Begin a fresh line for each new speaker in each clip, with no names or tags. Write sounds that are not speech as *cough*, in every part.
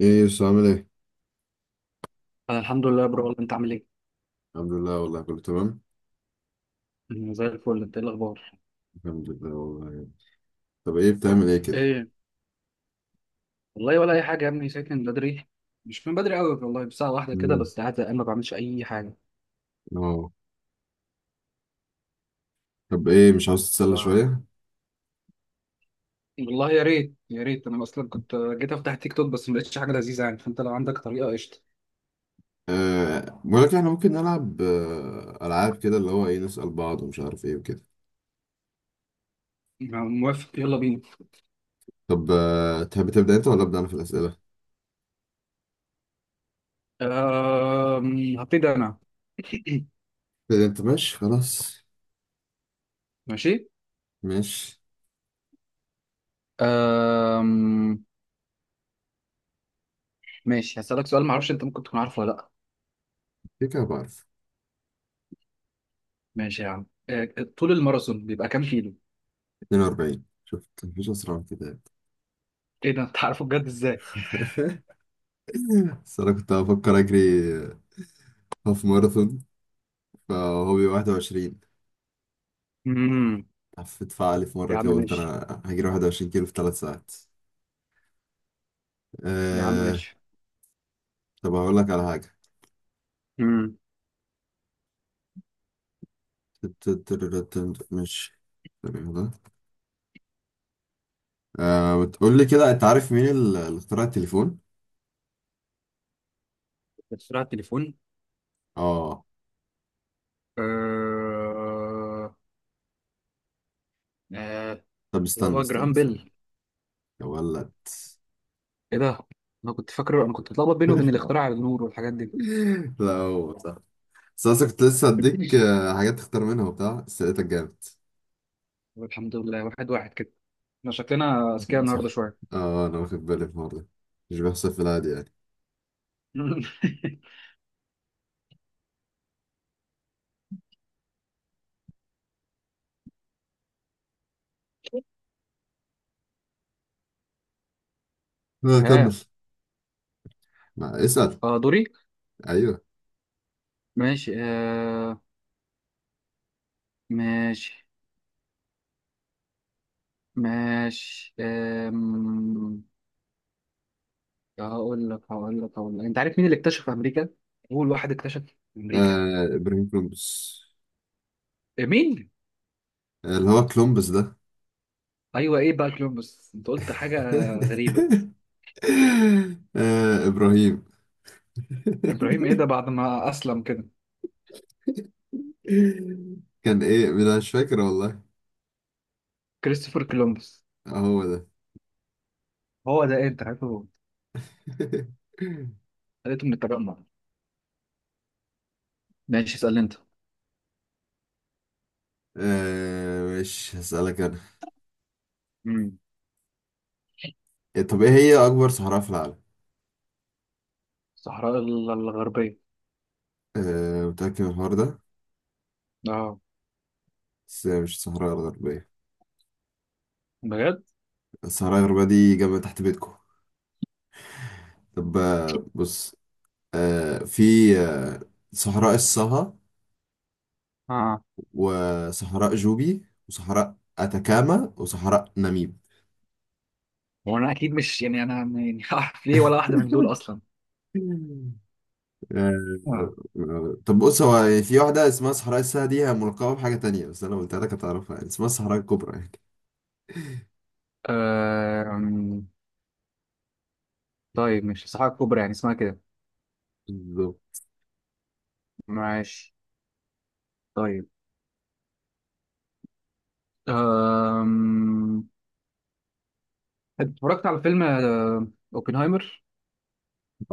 ايه يا يوسف، عامل ايه؟
انا الحمد لله يا برو، والله انت عامل ايه؟
الحمد لله والله، كله تمام.
أنا زي الفل. انت ايه الاخبار؟
الحمد لله والله. طب ايه بتعمل ايه كده؟
ايه والله، ولا اي حاجه يا ابني. ساكن بدري، مش من بدري قوي والله، بساعه واحده كده
مم.
بس، قاعد زهقان ما بعملش اي حاجه.
اه. طب ايه مش عاوز
ف
تتسلى شوية؟
والله يا ريت، يا ريت. انا اصلا كنت جيت افتح تيك توك، بس ما لقيتش حاجه لذيذه يعني، فانت لو عندك طريقه قشطه.
بقول لك احنا ممكن نلعب ألعاب كده، اللي هو ايه، نسأل بعض ومش عارف ايه وكده.
موافق، يلا بينا.
طب تحب تبدأ انت ولا أبدأ أنا في الأسئلة؟
هبتدي انا. *clears throat*
تبدأ انت، ماشي خلاص.
ماشي.
ماشي.
أم... ماشي، هسألك سؤال ما اعرفش انت ممكن تكون عارفه ولا لا.
كده كده بعرف.
ماشي يا عم، طول الماراثون بيبقى كام كيلو؟
42، شفت؟ مفيش أسرع من كده.
ايه ده، انت عارفه بجد ازاي؟
*laughs* بس أنا كنت بفكر أجري هاف ماراثون، فهو بيبقى 21.
امم.
حفيت فعالي في
يا
مرة
عم
كده، قلت
ماشي.
أنا هجري 21 كيلو في ثلاث ساعات.
يا عم
أه...
ماشي.
طب هقول لك على حاجة.
امم.
ماشي. تمام ده. بتقول لي كده، أنت عارف مين اللي اخترع التليفون؟
بسرعة، التليفون.
آه.
آه... آه...
طب
اللي
استنى
هو
استنى
جراهام
استنى.
بيل.
يا ولد!
ايه ده؟ انا كنت فاكره، انا كنت بتلخبط بينه وبين
*laughs*
الاختراع على النور والحاجات دي.
لا، هو صح. بس أنا كنت لسه هديك
*laughs*
حاجات تختار منها وبتاع، بس لقيتك جامد.
طب الحمد لله، واحد واحد كده. احنا شكلنا اذكياء النهارده
صح.
شوية.
آه، أنا واخد بالي في الموضوع ده. مش بيحصل في العادي يعني.
*laughs*
آه، كمل.
ها.
اسأل.
اه، دوري.
أيوه.
ماشي ماشي. ماشي هقول لك، انت عارف مين اللي اكتشف امريكا؟ اول واحد اكتشف امريكا.
آه، إبراهيم كولومبوس.
إيه، مين؟
اللي هو كلومبس ده.
ايوه، ايه بقى كولومبوس؟ انت قلت حاجه غريبه.
*laughs* آه، إبراهيم.
ابراهيم؟ ايه ده،
*laughs*
بعد ما اسلم كده؟
كان إيه، أنا مش فاكر والله.
كريستوفر كولومبوس.
آه، هو ده.
هو ده، ايه انت عارفه؟
*laughs*
لقيته من التجمع. ماشي، اسال انت.
آه، مش هسألك أنا.
امم.
إيه، طب إيه هي أكبر صحراء في العالم؟
الصحراء الغربيه.
آه، متأكد من الحوار ده؟
اه،
بس هي مش الصحراء الغربية.
بجد.
الصحراء الغربية دي جنب تحت بيتكم. طب بص. في آه، صحراء الصها،
اه.
وصحراء جوبي، وصحراء أتاكاما، وصحراء ناميب.
هو انا اكيد مش، يعني انا يعني *laughs* هعرف ليه ولا واحده من دول اصلا.
آه،
اه.
طب بص، هو في واحدة اسمها صحراء الساعة دي، هي ملقبة بحاجة تانية، بس أنا قلت لك هتعرفها يعني، اسمها الصحراء الكبرى يعني.
أم، طيب مش الصحراء الكبرى يعني اسمها كده؟
بالظبط.
ماشي، طيب. أم... أنت اتفرجت على فيلم اوبنهايمر؟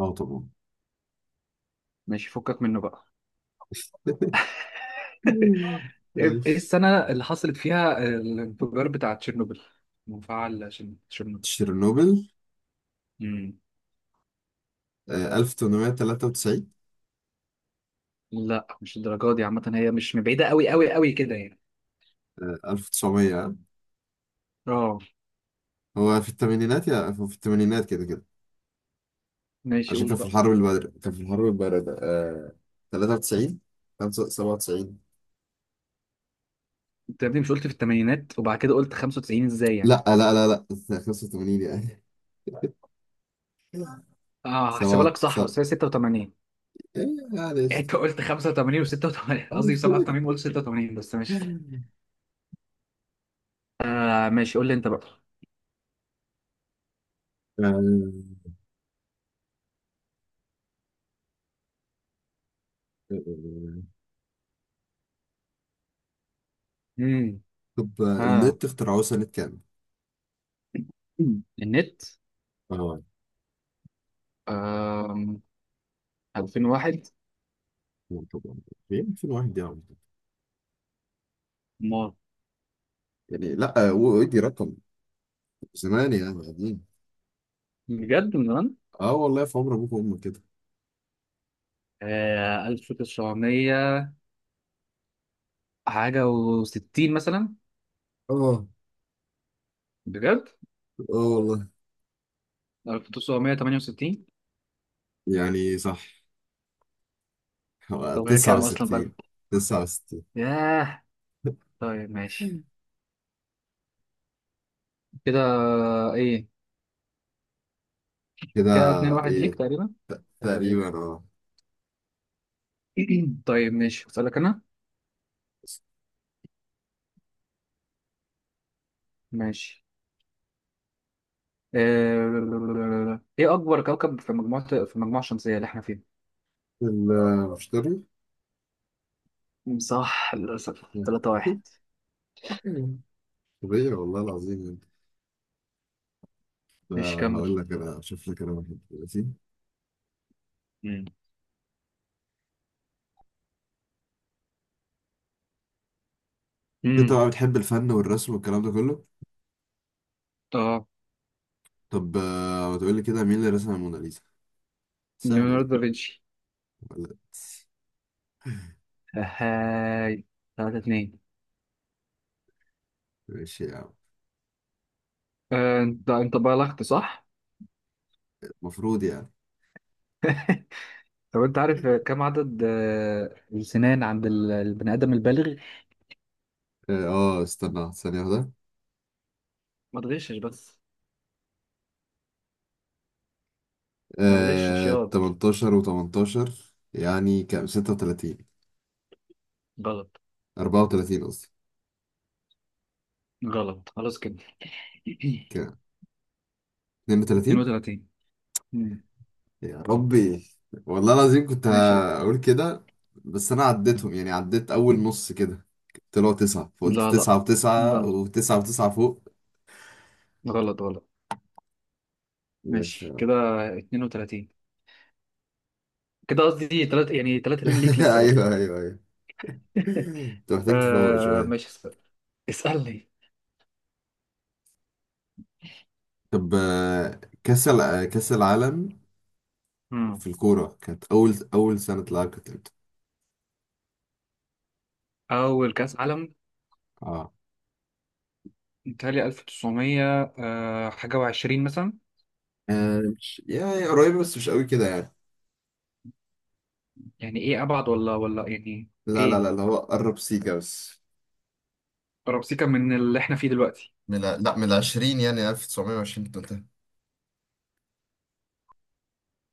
اه طبعا.
ماشي، فكك منه بقى. *laughs* ايه، إيه
ماشي.
السنة اللي حصلت فيها الانفجار بتاع تشيرنوبل؟ مفاعل تشيرنوبل.
تشيرنوبل.
مم.
1893.
لا مش الدرجة دي، عامة هي مش من بعيدة قوي قوي قوي كده يعني.
1900.
اه
هو في الثمانينات، يا هو في الثمانينات كده كده.
ماشي،
عشان
قول
كان في
بقى.
الحرب الباردة، كان في الحرب الباردة. 93، 95، 97.
انت يا ابني مش قلت في الثمانينات، وبعد كده قلت 95؟ ازاي يعني؟
لا لا لا لا. 85 يعني. *laughs*
اه، هحسبها
7،
لك صح،
7.
بس هي 86.
معلش.
انت قلت 85 و86، قصدي 87،
*laughs*
وقلت 86، بس ماشي.
آه،
آه ماشي، قول لي انت بقى.
آه،
امم.
طب
ها.
النت اخترعوه سنة كام؟
النت.
اه
آه. 2001.
طبعا. في 2001 يعني.
ما.
يعني لا، ودي رقم زمان يعني، قديم.
بجد، من زمان.
اه والله، في عمر ابوك وامك كده.
آه، 1900 حاجة وستين مثلا.
اه.
بجد.
اه والله.
1968.
يعني صح، هو
طب هي كام أصلا بقى؟
69. 69.
ياه. طيب ماشي.
*laughs*
كده. إيه.
كده.
كده اتنين واحد ليك
ايه.
تقريبا. ولا
تقريبا،
إيه؟
اه.
*clears throat* طيب ماشي، أسألك أنا. ماشي. آه، إيه أكبر كوكب في مجموعة، في المجموعة الشمسية اللي إحنا فيها؟
المشتري.
مم، صح. للأسف تلاتة واحد.
*laughs* طبيعي والله العظيم. انت،
ماشي، كمل.
هقول لك انا اشوف لك انا واحد دلوقتي.
مم.
انت
مم.
بقى بتحب الفن والرسم والكلام ده كله.
اه.
طب ما تقول لي كده، مين اللي رسم الموناليزا؟ سهله
ليوناردو
دي.
دافنشي.
ولا.
هاي. تلاتة اتنين.
ماشي يا عم.
انت بالغت صح؟
المفروض يعني.
*laughs* طب انت عارف كم عدد السنان عند البني ادم البالغ؟
اه. استنى ثانيه واحده.
ما تغشش بس. ما تغشش ياض.
18 و18، يعني كام، 36.
غلط.
34 قصدي.
غلط، خلاص كده. *coughs*
كام؟
*clears throat*
32.
32. مم.
يا ربي، والله العظيم كنت
ماشي.
هقول كده. بس انا عديتهم يعني، عديت اول نص كده، طلعوا تسعة، فقلت
لا لا،
تسعة وتسعة
غلط.
وتسعة وتسعة فوق.
غلط غلط.
مش.
ماشي كده. 32. كده قصدي تلات، يعني 3 2 ليك
*laughs*
لسه برضه.
ايوه ايوه ايوه.
*laughs*
انت محتاج تفوق
آه
شوية.
ماشي، اسأل. اسألني.
طب كأس العالم في
مم.
الكورة، كانت أول أول سنة تلعب كانت امتى؟
أول كأس عالم.
اه.
متهيألي 1900 آه حاجة وعشرين مثلا.
مش يعني قريبة، بس مش قوي كده يعني.
يعني ايه، ابعد ولا ولا يعني؟
لا لا
ايه،
لا، اللي هو قرب سيكا بس.
ربسيكا من اللي احنا فيه دلوقتي؟
لا، من العشرين يعني، 1920 كنت قلتها.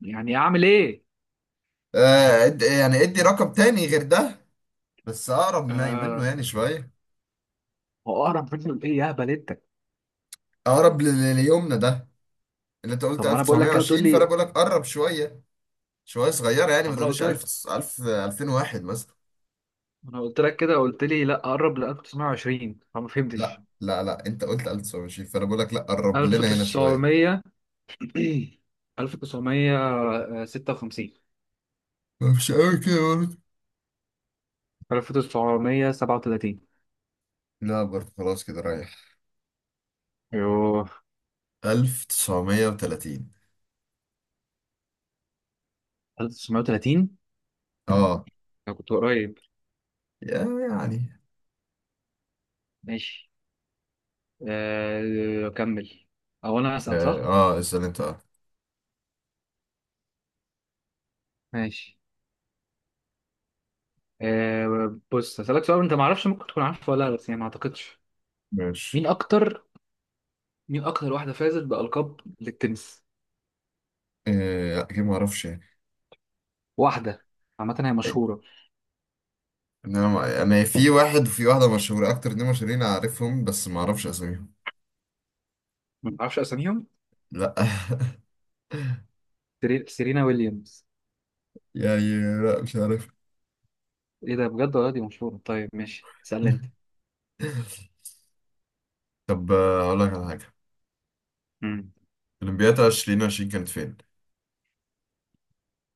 يعني اعمل ايه؟
يعني ادي رقم تاني غير ده، بس اقرب منه
آه.
يعني شويه.
هو اقرب منه لايه يا بلدتك؟
اقرب ليومنا ده، اللي انت قلت
طب ما انا بقول لك كده وتقول
1920، فانا
لي.
بقول لك قرب شويه. شويه صغيره يعني، ما
عمرها،
تقوليش
قلت لك.
1000، 1000، 2001 مثلا.
ما انا قلت لك كده، قلت لي لا اقرب ل 1920، فما
لا
فهمتش.
لا لا، انت قلت 1920، فانا بقول لك لا، قرب لنا هنا شويه.
1900. 1956.
مش قوي كده برضه.
1937.
لا برضه، خلاص كده رايح.
*clears throat* يوه.
1930.
1930.
اه.
انا كنت قريب.
يعني.
ماشي. آه، اكمل. او انا اسال،
اه.
صح؟
اسال انت. اه.
ماشي. آه بص، هسألك سؤال انت ما اعرفش ممكن تكون عارفه ولا لا، بس يعني ما اعتقدش.
ماشي.
مين اكتر مين اكتر واحده فازت بالقاب للتنس؟
لا، كده ما اعرفش يعني.
واحده عامه، هي
إيه،
مشهوره.
إن انا ما- انا في واحد وفي واحده مشهوره، اكتر اتنين مشهورين اعرفهم، بس ما اعرفش اساميهم.
ما اعرفش اساميهم.
لا. *laughs*
سيرينا ويليامز.
يعني لا، مش عارف.
ايه ده، بجد؟ ولا دي مشهوره؟ طيب ماشي، اسالني انت.
*laughs* طب اقول لك على حاجه.
امم.
اولمبياد 2020 كانت فين؟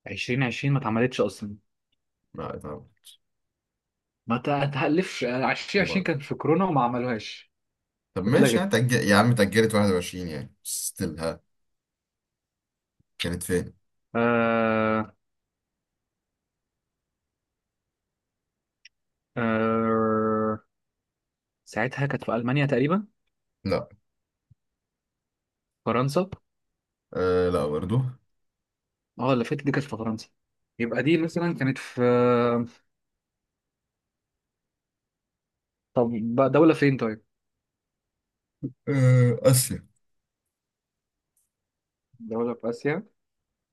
2020 ما اتعملتش اصلا.
لا، اتعملت.
ما تهلفش، 2020 كانت في كورونا وما عملوهاش.
طب ماشي،
واتلغت.
هتأجل يا عم، اتأجلت 21 يعني ستيل ها. كانت فين؟
آه. آه. ساعتها كانت في المانيا تقريبا.
لا.
فرنسا.
آه، لا برضو.
اه، اللي فاتت دي كانت في فرنسا. يبقى دي مثلا كانت في، طب، بقى دولة فين طيب؟
آسيا.
دولة في آسيا.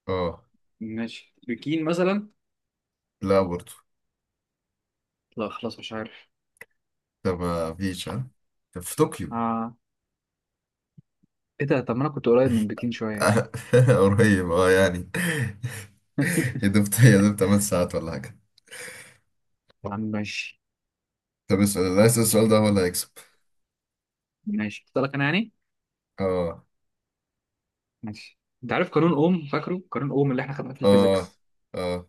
اه،
ماشي، بكين مثلا.
لا برضو.
لا خلاص، مش عارف.
ده ما فيش ها. طب في طوكيو.
آه. ايه ده، طب ما انا كنت قريب من بكين شوية.
آه، *laughs* قريب اه يعني. *laughs* يا دوب يا دوب 8 ساعات ولا حاجة.
طب ماشي.
طب اسأل، اللي هيسأل السؤال ده هو اللي هيكسب.
ماشي، اسألك انا يعني؟
اه.
ماشي، انت عارف قانون اوم؟ فاكره؟ قانون اوم اللي احنا خدناه في
اه.
الفيزيكس.
اه.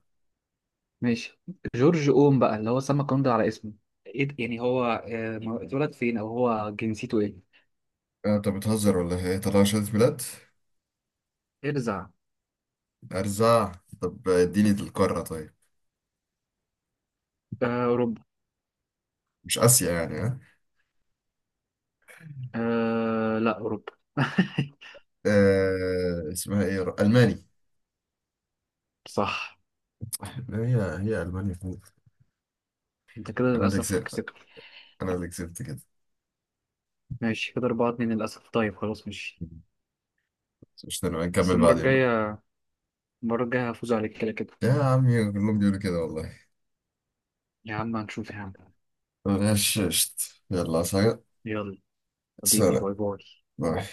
ماشي. جورج اوم بقى، اللي هو سمى القانون ده على اسمه. ايه ده؟ يعني هو، اتولد فين، او هو جنسيته ايه؟
انت بتهزر ولا ايه؟ طلع شهادة ميلاد؟
ارزع.
ارزع. طب اديني القارة طيب.
آه، اوروبا.
مش آسيا يعني ها.
آه لا، اوروبا. *laughs*
آه، اسمها ايه، الماني.
صح.
هي هي ألمانيا فوق.
انت كده
أنا اللي
للأسف
كسبت.
كسبت.
أنا اللي كسبت كده.
ماشي، كده أربعة اتنين للأسف. طيب خلاص، ماشي.
مش نبقى
بس
نكمل
المرة
بعدين بقى.
الجاية، المرة الجاية هفوز عليك كده كده.
يا عمي كلهم بيقولوا كده والله.
يا عم هنشوف يا عم.
غششت. يلا سلام.
يلا. حبيبي،
سلام.
باي باي.
باي.